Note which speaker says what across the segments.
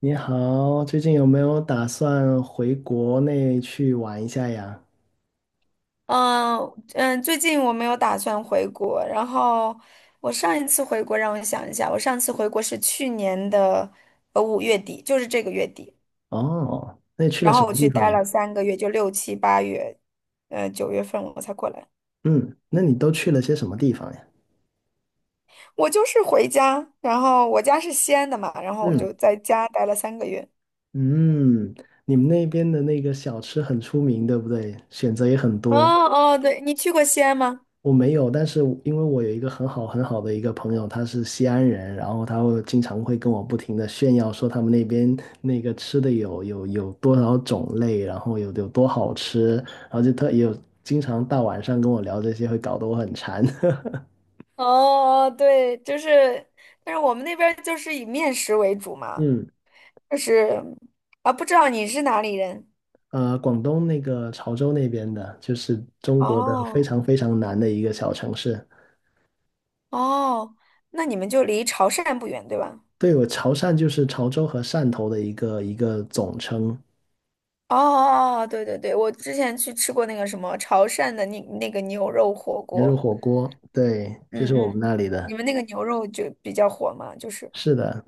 Speaker 1: 你好，最近有没有打算回国内去玩一下呀？
Speaker 2: 嗯嗯，最近我没有打算回国。然后我上一次回国，让我想一下，我上次回国是去年的5月底，就是这个月底。
Speaker 1: 哦，那你去了
Speaker 2: 然
Speaker 1: 什
Speaker 2: 后我
Speaker 1: 么
Speaker 2: 去
Speaker 1: 地方
Speaker 2: 待
Speaker 1: 呀？
Speaker 2: 了三个月，就六七八月，9月份我才过来。
Speaker 1: 嗯，那你都去了些什么地方呀？
Speaker 2: 我就是回家，然后我家是西安的嘛，然后我
Speaker 1: 嗯
Speaker 2: 就在家待了三个月。
Speaker 1: 嗯，你们那边的那个小吃很出名，对不对？选择也很
Speaker 2: 哦
Speaker 1: 多。
Speaker 2: 哦，对，你去过西安吗？
Speaker 1: 我没有，但是因为我有一个很好很好的一个朋友，他是西安人，然后他会经常会跟我不停的炫耀说他们那边那个吃的有多少种类，然后有多好吃，然后就特也有经常大晚上跟我聊这些，会搞得我很馋。
Speaker 2: 哦哦，对，就是，但是我们那边儿就是以面食为主嘛，
Speaker 1: 嗯，
Speaker 2: 就是啊，不知道你是哪里人。
Speaker 1: 广东那个潮州那边的，就是中国的非
Speaker 2: 哦
Speaker 1: 常非常南的一个小城市。
Speaker 2: 哦，那你们就离潮汕不远，对吧？
Speaker 1: 对，我潮汕就是潮州和汕头的一个总称，
Speaker 2: 哦哦，对对对，我之前去吃过那个什么潮汕的那个牛肉火
Speaker 1: 牛肉
Speaker 2: 锅。
Speaker 1: 火锅，对，就是我
Speaker 2: 嗯嗯，
Speaker 1: 们那里
Speaker 2: 你
Speaker 1: 的。
Speaker 2: 们那个牛肉就比较火嘛，就是。
Speaker 1: 是的，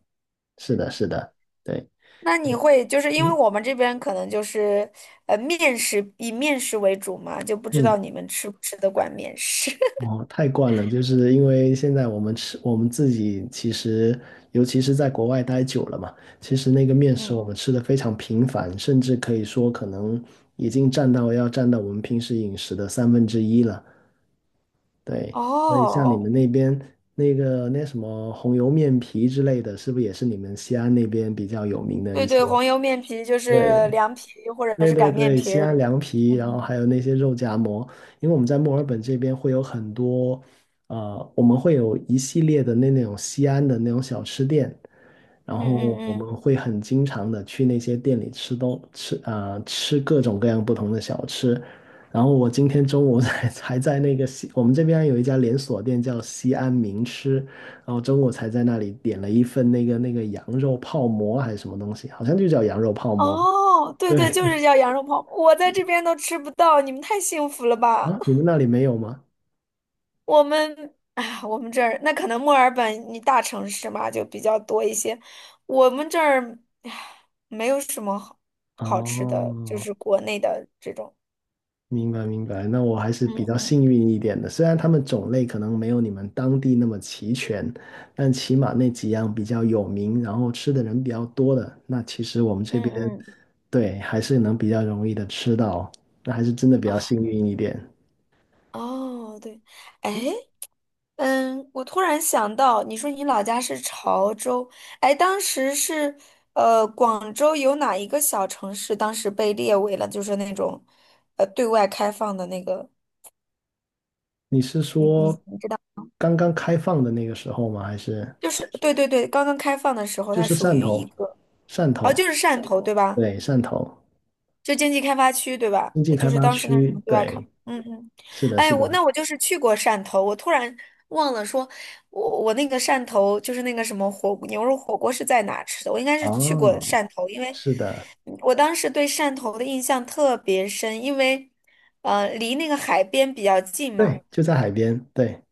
Speaker 1: 是的，
Speaker 2: 嗯，
Speaker 1: 是的，对，
Speaker 2: 那你会就是因为
Speaker 1: 嗯
Speaker 2: 我们这边可能就是呃面食以面食为主嘛，就不知
Speaker 1: 嗯，
Speaker 2: 道你们吃不吃得惯面食。
Speaker 1: 哦，太惯了，就是因为现在我们吃，我们自己其实，尤其是在国外待久了嘛，其实那个面食我
Speaker 2: 嗯，
Speaker 1: 们吃的非常频繁，甚至可以说可能已经占到要占到我们平时饮食的三分之一了。对，所以像你
Speaker 2: 哦，
Speaker 1: 们那边那个那什么红油面皮之类的，是不是也是你们西安那边比较有名的一
Speaker 2: 对对，
Speaker 1: 些？
Speaker 2: 黄油面皮就
Speaker 1: 对，
Speaker 2: 是凉皮或者
Speaker 1: 对
Speaker 2: 是
Speaker 1: 对
Speaker 2: 擀面
Speaker 1: 对，
Speaker 2: 皮
Speaker 1: 西
Speaker 2: 儿。
Speaker 1: 安凉皮，
Speaker 2: 嗯
Speaker 1: 然后
Speaker 2: 嗯
Speaker 1: 还有那些肉夹馍，因为我们在墨尔本这边会有很多，我们会有一系列的那种西安的那种小吃店，然
Speaker 2: 嗯嗯
Speaker 1: 后我
Speaker 2: 嗯。
Speaker 1: 们会很经常的去那些店里吃东吃啊、呃吃各种各样不同的小吃，然后我今天中午才 才在那个西，我们这边有一家连锁店叫西安名吃，然后中午才在那里点了一份那个羊肉泡馍还是什么东西，好像就叫羊肉泡馍。
Speaker 2: 哦，对对，
Speaker 1: 对，
Speaker 2: 就是叫羊肉泡馍，我在这边都吃不到，你们太幸福了吧？
Speaker 1: 啊，你 们那里没有吗？
Speaker 2: 我们这儿那可能墨尔本你大城市嘛，就比较多一些。我们这儿唉没有什么好好吃的，就
Speaker 1: 哦，
Speaker 2: 是国内的这种。
Speaker 1: 明白明白，那我还是比较
Speaker 2: 嗯
Speaker 1: 幸运一点的，虽然他们种类可能没有你们当地那么齐全，但起码那几样比较有名，然后吃的人比较多的，那其实我们这
Speaker 2: 嗯
Speaker 1: 边，
Speaker 2: 嗯，
Speaker 1: 对，还是能比较容易的吃到，那还是真的比较
Speaker 2: 哦
Speaker 1: 幸运一点。
Speaker 2: 哦，对，哎。嗯，我突然想到，你说你老家是潮州。哎，当时是广州有哪一个小城市当时被列为了就是那种对外开放的那个，
Speaker 1: 你是
Speaker 2: 你你
Speaker 1: 说
Speaker 2: 你知道，
Speaker 1: 刚刚开放的那个时候吗？还是
Speaker 2: 就是对对对，刚刚开放的时候，
Speaker 1: 就
Speaker 2: 它
Speaker 1: 是
Speaker 2: 属
Speaker 1: 汕
Speaker 2: 于一
Speaker 1: 头？
Speaker 2: 个，
Speaker 1: 汕
Speaker 2: 哦，
Speaker 1: 头，
Speaker 2: 就是汕头对吧？
Speaker 1: 对，汕头
Speaker 2: 就经济开发区，对吧？
Speaker 1: 经济
Speaker 2: 就
Speaker 1: 开
Speaker 2: 是
Speaker 1: 发
Speaker 2: 当时那
Speaker 1: 区，
Speaker 2: 什么对外开。
Speaker 1: 对，
Speaker 2: 嗯嗯，
Speaker 1: 是的，
Speaker 2: 哎，
Speaker 1: 是
Speaker 2: 我
Speaker 1: 的。
Speaker 2: 那我就是去过汕头，我突然忘了说，我那个汕头就是那个什么牛肉火锅是在哪吃的？我应该是去过
Speaker 1: 哦，
Speaker 2: 汕头，因为
Speaker 1: 是的，
Speaker 2: 我当时对汕头的印象特别深，因为离那个海边比较近嘛。
Speaker 1: 对，就在海边，对，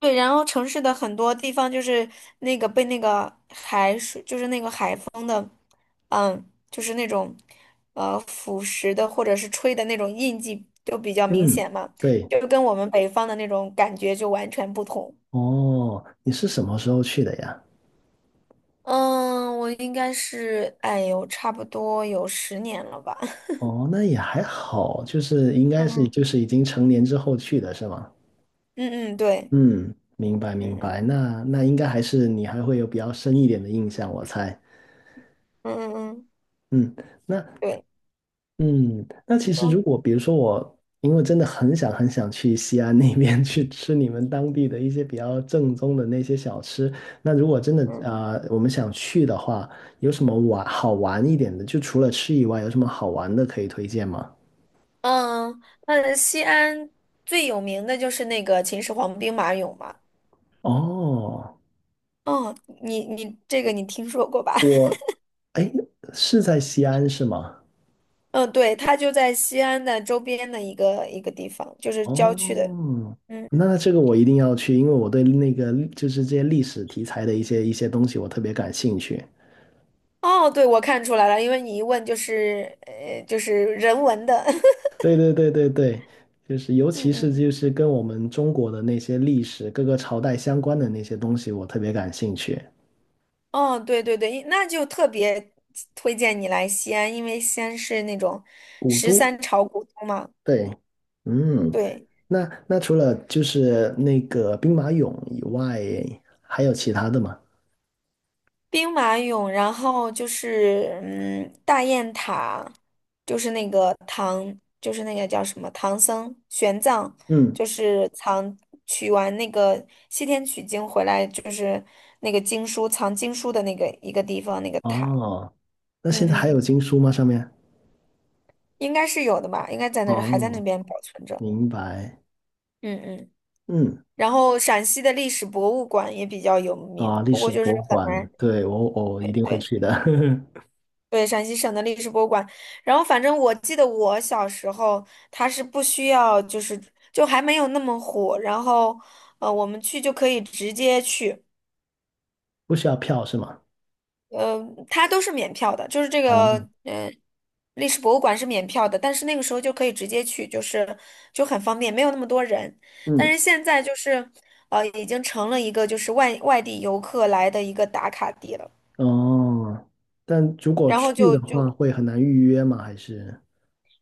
Speaker 2: 对，然后城市的很多地方就是那个被那个海水，就是那个海风。嗯，就是那种腐蚀的或者是吹的那种印记都比较明
Speaker 1: 嗯，
Speaker 2: 显嘛，
Speaker 1: 对，
Speaker 2: 就跟我们北方的那种感觉就完全不同。
Speaker 1: 哦，你是什么时候去的呀？
Speaker 2: 嗯，我应该是，哎呦，差不多有10年了吧。
Speaker 1: 哦，那也还好，就是应该是
Speaker 2: 嗯
Speaker 1: 就是已经成年之后去的是吗？
Speaker 2: 嗯嗯，对，
Speaker 1: 嗯，明白
Speaker 2: 嗯
Speaker 1: 明
Speaker 2: 嗯
Speaker 1: 白，那应该还是你还会有比较深一点的印象，我猜。
Speaker 2: 嗯嗯嗯
Speaker 1: 嗯，那
Speaker 2: 对。
Speaker 1: 嗯，那其实如
Speaker 2: 说
Speaker 1: 果比如说我，因为真的很想很想去西安那边 去吃你们当地的一些比较正宗的那些小吃，那如果真的
Speaker 2: 嗯，
Speaker 1: 我们想去的话，有什么玩好玩一点的？就除了吃以外，有什么好玩的可以推荐吗？
Speaker 2: 嗯，那西安最有名的就是那个秦始皇兵马俑嘛。
Speaker 1: 哦，
Speaker 2: 哦，你你这个你听说过吧？
Speaker 1: 哎，是在西安是吗？
Speaker 2: 嗯，对，它就在西安的周边的一个地方，就是郊区的。
Speaker 1: 哦，
Speaker 2: 嗯，
Speaker 1: 那这个我一定要去，因为我对那个就是这些历史题材的一些东西我特别感兴趣。
Speaker 2: 哦，对，我看出来了，因为你一问就是就是人文的。
Speaker 1: 对对对对对，就是尤
Speaker 2: 嗯
Speaker 1: 其是
Speaker 2: 嗯，
Speaker 1: 就是跟我们中国的那些历史各个朝代相关的那些东西，我特别感兴趣。
Speaker 2: 哦，对对对，那就特别推荐你来西安，因为西安是那种
Speaker 1: 古
Speaker 2: 十
Speaker 1: 都，
Speaker 2: 三朝古都嘛。
Speaker 1: 对，嗯，
Speaker 2: 对。
Speaker 1: 那除了就是那个兵马俑以外，还有其他的吗？
Speaker 2: 兵马俑，然后就是大雁塔，就是那个叫什么唐僧玄奘，
Speaker 1: 嗯，
Speaker 2: 就是取完那个西天取经回来，就是那个藏经书的那个一个地方那个塔。
Speaker 1: 哦，那现
Speaker 2: 嗯
Speaker 1: 在还
Speaker 2: 嗯，
Speaker 1: 有经书吗？上面？
Speaker 2: 应该是有的吧，应该在那儿还在那
Speaker 1: 哦，
Speaker 2: 边保存着。
Speaker 1: 明白。
Speaker 2: 嗯嗯。
Speaker 1: 嗯，
Speaker 2: 然后陕西的历史博物馆也比较有名，
Speaker 1: 啊，历
Speaker 2: 不过
Speaker 1: 史
Speaker 2: 就是
Speaker 1: 博物
Speaker 2: 很
Speaker 1: 馆，
Speaker 2: 难。
Speaker 1: 对，我一
Speaker 2: 对
Speaker 1: 定会
Speaker 2: 对。
Speaker 1: 去的，
Speaker 2: 对，陕西省的历史博物馆。然后，反正我记得我小时候，它是不需要，就还没有那么火。然后，我们去就可以直接去，
Speaker 1: 不需要票是吗？
Speaker 2: 呃，它都是免票的，就是这
Speaker 1: 啊，
Speaker 2: 个，嗯历史博物馆是免票的，但是那个时候就可以直接去，就很方便，没有那么多人。但
Speaker 1: 嗯。
Speaker 2: 是现在就是，已经成了一个就是外地游客来的一个打卡地了。
Speaker 1: 哦，但如果
Speaker 2: 然
Speaker 1: 去
Speaker 2: 后就
Speaker 1: 的话，
Speaker 2: 就
Speaker 1: 会很难预约吗？还是？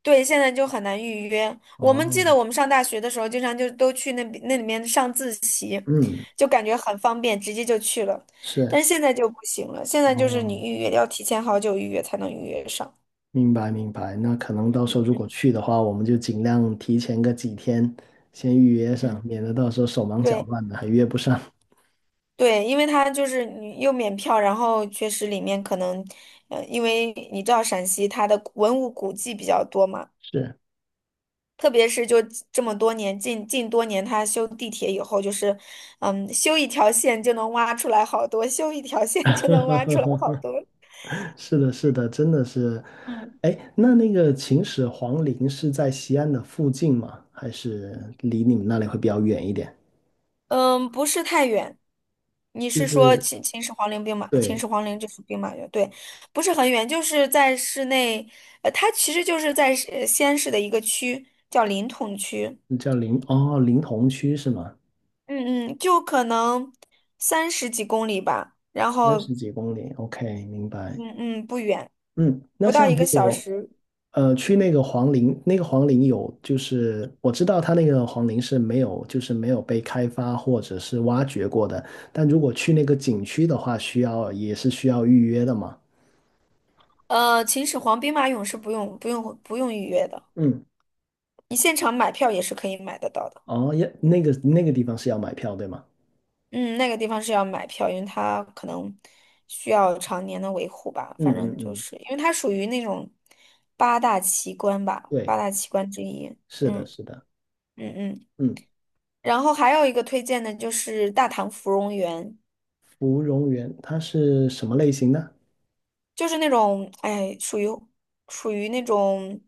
Speaker 2: 对，现在就很难预约。我们记得
Speaker 1: 哦，
Speaker 2: 我们上大学的时候，经常就都去那里面上自习，
Speaker 1: 嗯，
Speaker 2: 就感觉很方便，直接就去了。但
Speaker 1: 是，
Speaker 2: 是现在就不行了，现在就是你
Speaker 1: 哦，
Speaker 2: 预约要提前好久预约才能预约上。
Speaker 1: 明白明白。那可能到时候如果
Speaker 2: 嗯
Speaker 1: 去的话，我们就尽量提前个几天先预约上，
Speaker 2: 嗯，
Speaker 1: 免得到时候手忙脚
Speaker 2: 对
Speaker 1: 乱的还约不上。
Speaker 2: 对，因为它就是你又免票，然后确实里面可能，因为你知道陕西它的文物古迹比较多嘛。
Speaker 1: 是，
Speaker 2: 特别是就这么多年，近多年，他修地铁以后，就是，嗯，修一条线就能挖出来好多，修一条线就能挖出来好多。
Speaker 1: 是的，是的，真的是。
Speaker 2: 嗯
Speaker 1: 哎，那那个秦始皇陵是在西安的附近吗？还是离你们那里会比较远一点？
Speaker 2: 嗯，不是太远。你
Speaker 1: 就
Speaker 2: 是说
Speaker 1: 是
Speaker 2: 秦
Speaker 1: 对，
Speaker 2: 始皇陵就是兵马俑，对，不是很远，就是在市内，它其实就是在西安市的一个区，叫临潼区。
Speaker 1: 哦，临潼区是吗？
Speaker 2: 嗯嗯，就可能30几公里吧，然
Speaker 1: 三
Speaker 2: 后
Speaker 1: 十几公里，OK，明白。
Speaker 2: 嗯不远，
Speaker 1: 嗯，那
Speaker 2: 不到
Speaker 1: 像
Speaker 2: 一
Speaker 1: 如
Speaker 2: 个小
Speaker 1: 果
Speaker 2: 时。
Speaker 1: 去那个黄陵，那个黄陵有就是我知道它那个黄陵是没有就是没有被开发或者是挖掘过的，但如果去那个景区的话，需要也是需要预约的嘛。
Speaker 2: 秦始皇兵马俑是不用预约的，
Speaker 1: 嗯，
Speaker 2: 你现场买票也是可以买得到的。
Speaker 1: 哦，要那个那个地方是要买票对吗？
Speaker 2: 嗯，那个地方是要买票，因为它可能需要常年的维护吧。
Speaker 1: 嗯
Speaker 2: 反
Speaker 1: 嗯
Speaker 2: 正就
Speaker 1: 嗯，
Speaker 2: 是因为它属于那种八大奇观吧，
Speaker 1: 对，
Speaker 2: 八大奇观之一。
Speaker 1: 是的，是的。
Speaker 2: 嗯嗯。
Speaker 1: 嗯，
Speaker 2: 然后还有一个推荐的就是大唐芙蓉园，
Speaker 1: 芙蓉园它是什么类型的？
Speaker 2: 就是那种哎，属于那种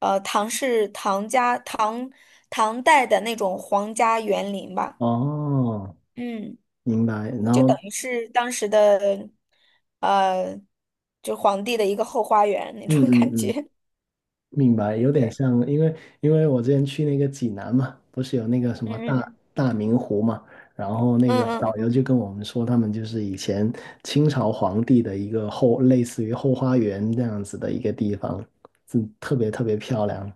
Speaker 2: 呃唐氏唐家唐唐代的那种皇家园林吧。
Speaker 1: 哦，
Speaker 2: 嗯。
Speaker 1: 明白。然
Speaker 2: 就
Speaker 1: 后
Speaker 2: 等于是当时的，呃，就皇帝的一个后花园那
Speaker 1: 嗯
Speaker 2: 种
Speaker 1: 嗯
Speaker 2: 感
Speaker 1: 嗯，
Speaker 2: 觉。
Speaker 1: 明白，有点
Speaker 2: 对，
Speaker 1: 像，因为我之前去那个济南嘛，不是有那个什么
Speaker 2: 嗯
Speaker 1: 大
Speaker 2: 嗯
Speaker 1: 大明湖嘛，然后那个
Speaker 2: 嗯嗯嗯
Speaker 1: 导游
Speaker 2: 嗯，
Speaker 1: 就跟我们说，他们就是以前清朝皇帝的一个后，类似于后花园这样子的一个地方，嗯，特别特别漂亮，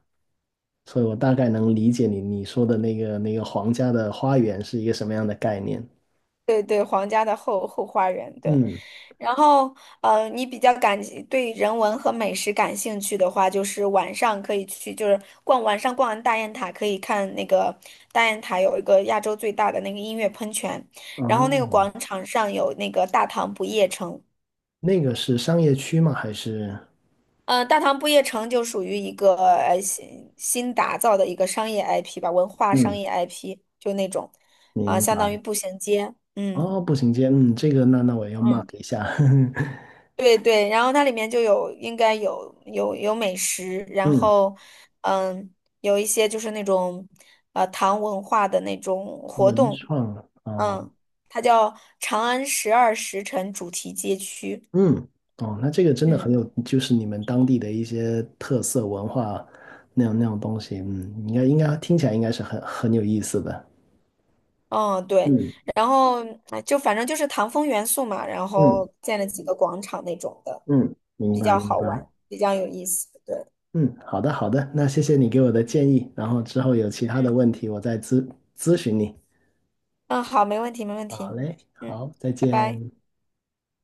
Speaker 1: 所以我大概能理解你说的那个皇家的花园是一个什么样的概念。
Speaker 2: 对对，皇家的后花园。对，
Speaker 1: 嗯，
Speaker 2: 然后你比较对人文和美食感兴趣的话，就是晚上可以去，就是晚上逛完大雁塔，可以看那个大雁塔有一个亚洲最大的那个音乐喷泉，然后那个
Speaker 1: 哦，
Speaker 2: 广场上有那个大唐不夜城。
Speaker 1: 那个是商业区吗？还是？
Speaker 2: 嗯，大唐不夜城就属于一个新打造的一个商业 IP 吧，文化商
Speaker 1: 嗯，
Speaker 2: 业 IP 就那种，啊、
Speaker 1: 明
Speaker 2: 相当于
Speaker 1: 白。
Speaker 2: 步行街。
Speaker 1: 哦，
Speaker 2: 嗯
Speaker 1: 步行街，嗯，这个那我要 mark
Speaker 2: 嗯，
Speaker 1: 一下，
Speaker 2: 对对，然后它里面就有应该有美食，然
Speaker 1: 嗯，
Speaker 2: 后嗯有一些就是那种唐文化的那种活
Speaker 1: 文
Speaker 2: 动。
Speaker 1: 创啊，
Speaker 2: 嗯，它叫长安十二时辰主题街区。
Speaker 1: 嗯，哦，那这个真的很
Speaker 2: 嗯。
Speaker 1: 有，就是你们当地的一些特色文化那样东西，嗯，应该听起来应该是很有意思的，
Speaker 2: 嗯，对，
Speaker 1: 嗯
Speaker 2: 然后哎就反正就是唐风元素嘛，然
Speaker 1: 嗯
Speaker 2: 后建了几个广场那种的，
Speaker 1: 嗯，明
Speaker 2: 比
Speaker 1: 白
Speaker 2: 较
Speaker 1: 明
Speaker 2: 好
Speaker 1: 白，
Speaker 2: 玩，比较有意思。对，
Speaker 1: 嗯，好的好的，那谢谢你给我的建议，然后之后有其
Speaker 2: 嗯
Speaker 1: 他的
Speaker 2: 嗯，
Speaker 1: 问题我再咨询你，
Speaker 2: 嗯，好，没问题，没问
Speaker 1: 好
Speaker 2: 题。
Speaker 1: 嘞，
Speaker 2: 嗯，
Speaker 1: 好，再
Speaker 2: 拜拜。
Speaker 1: 见。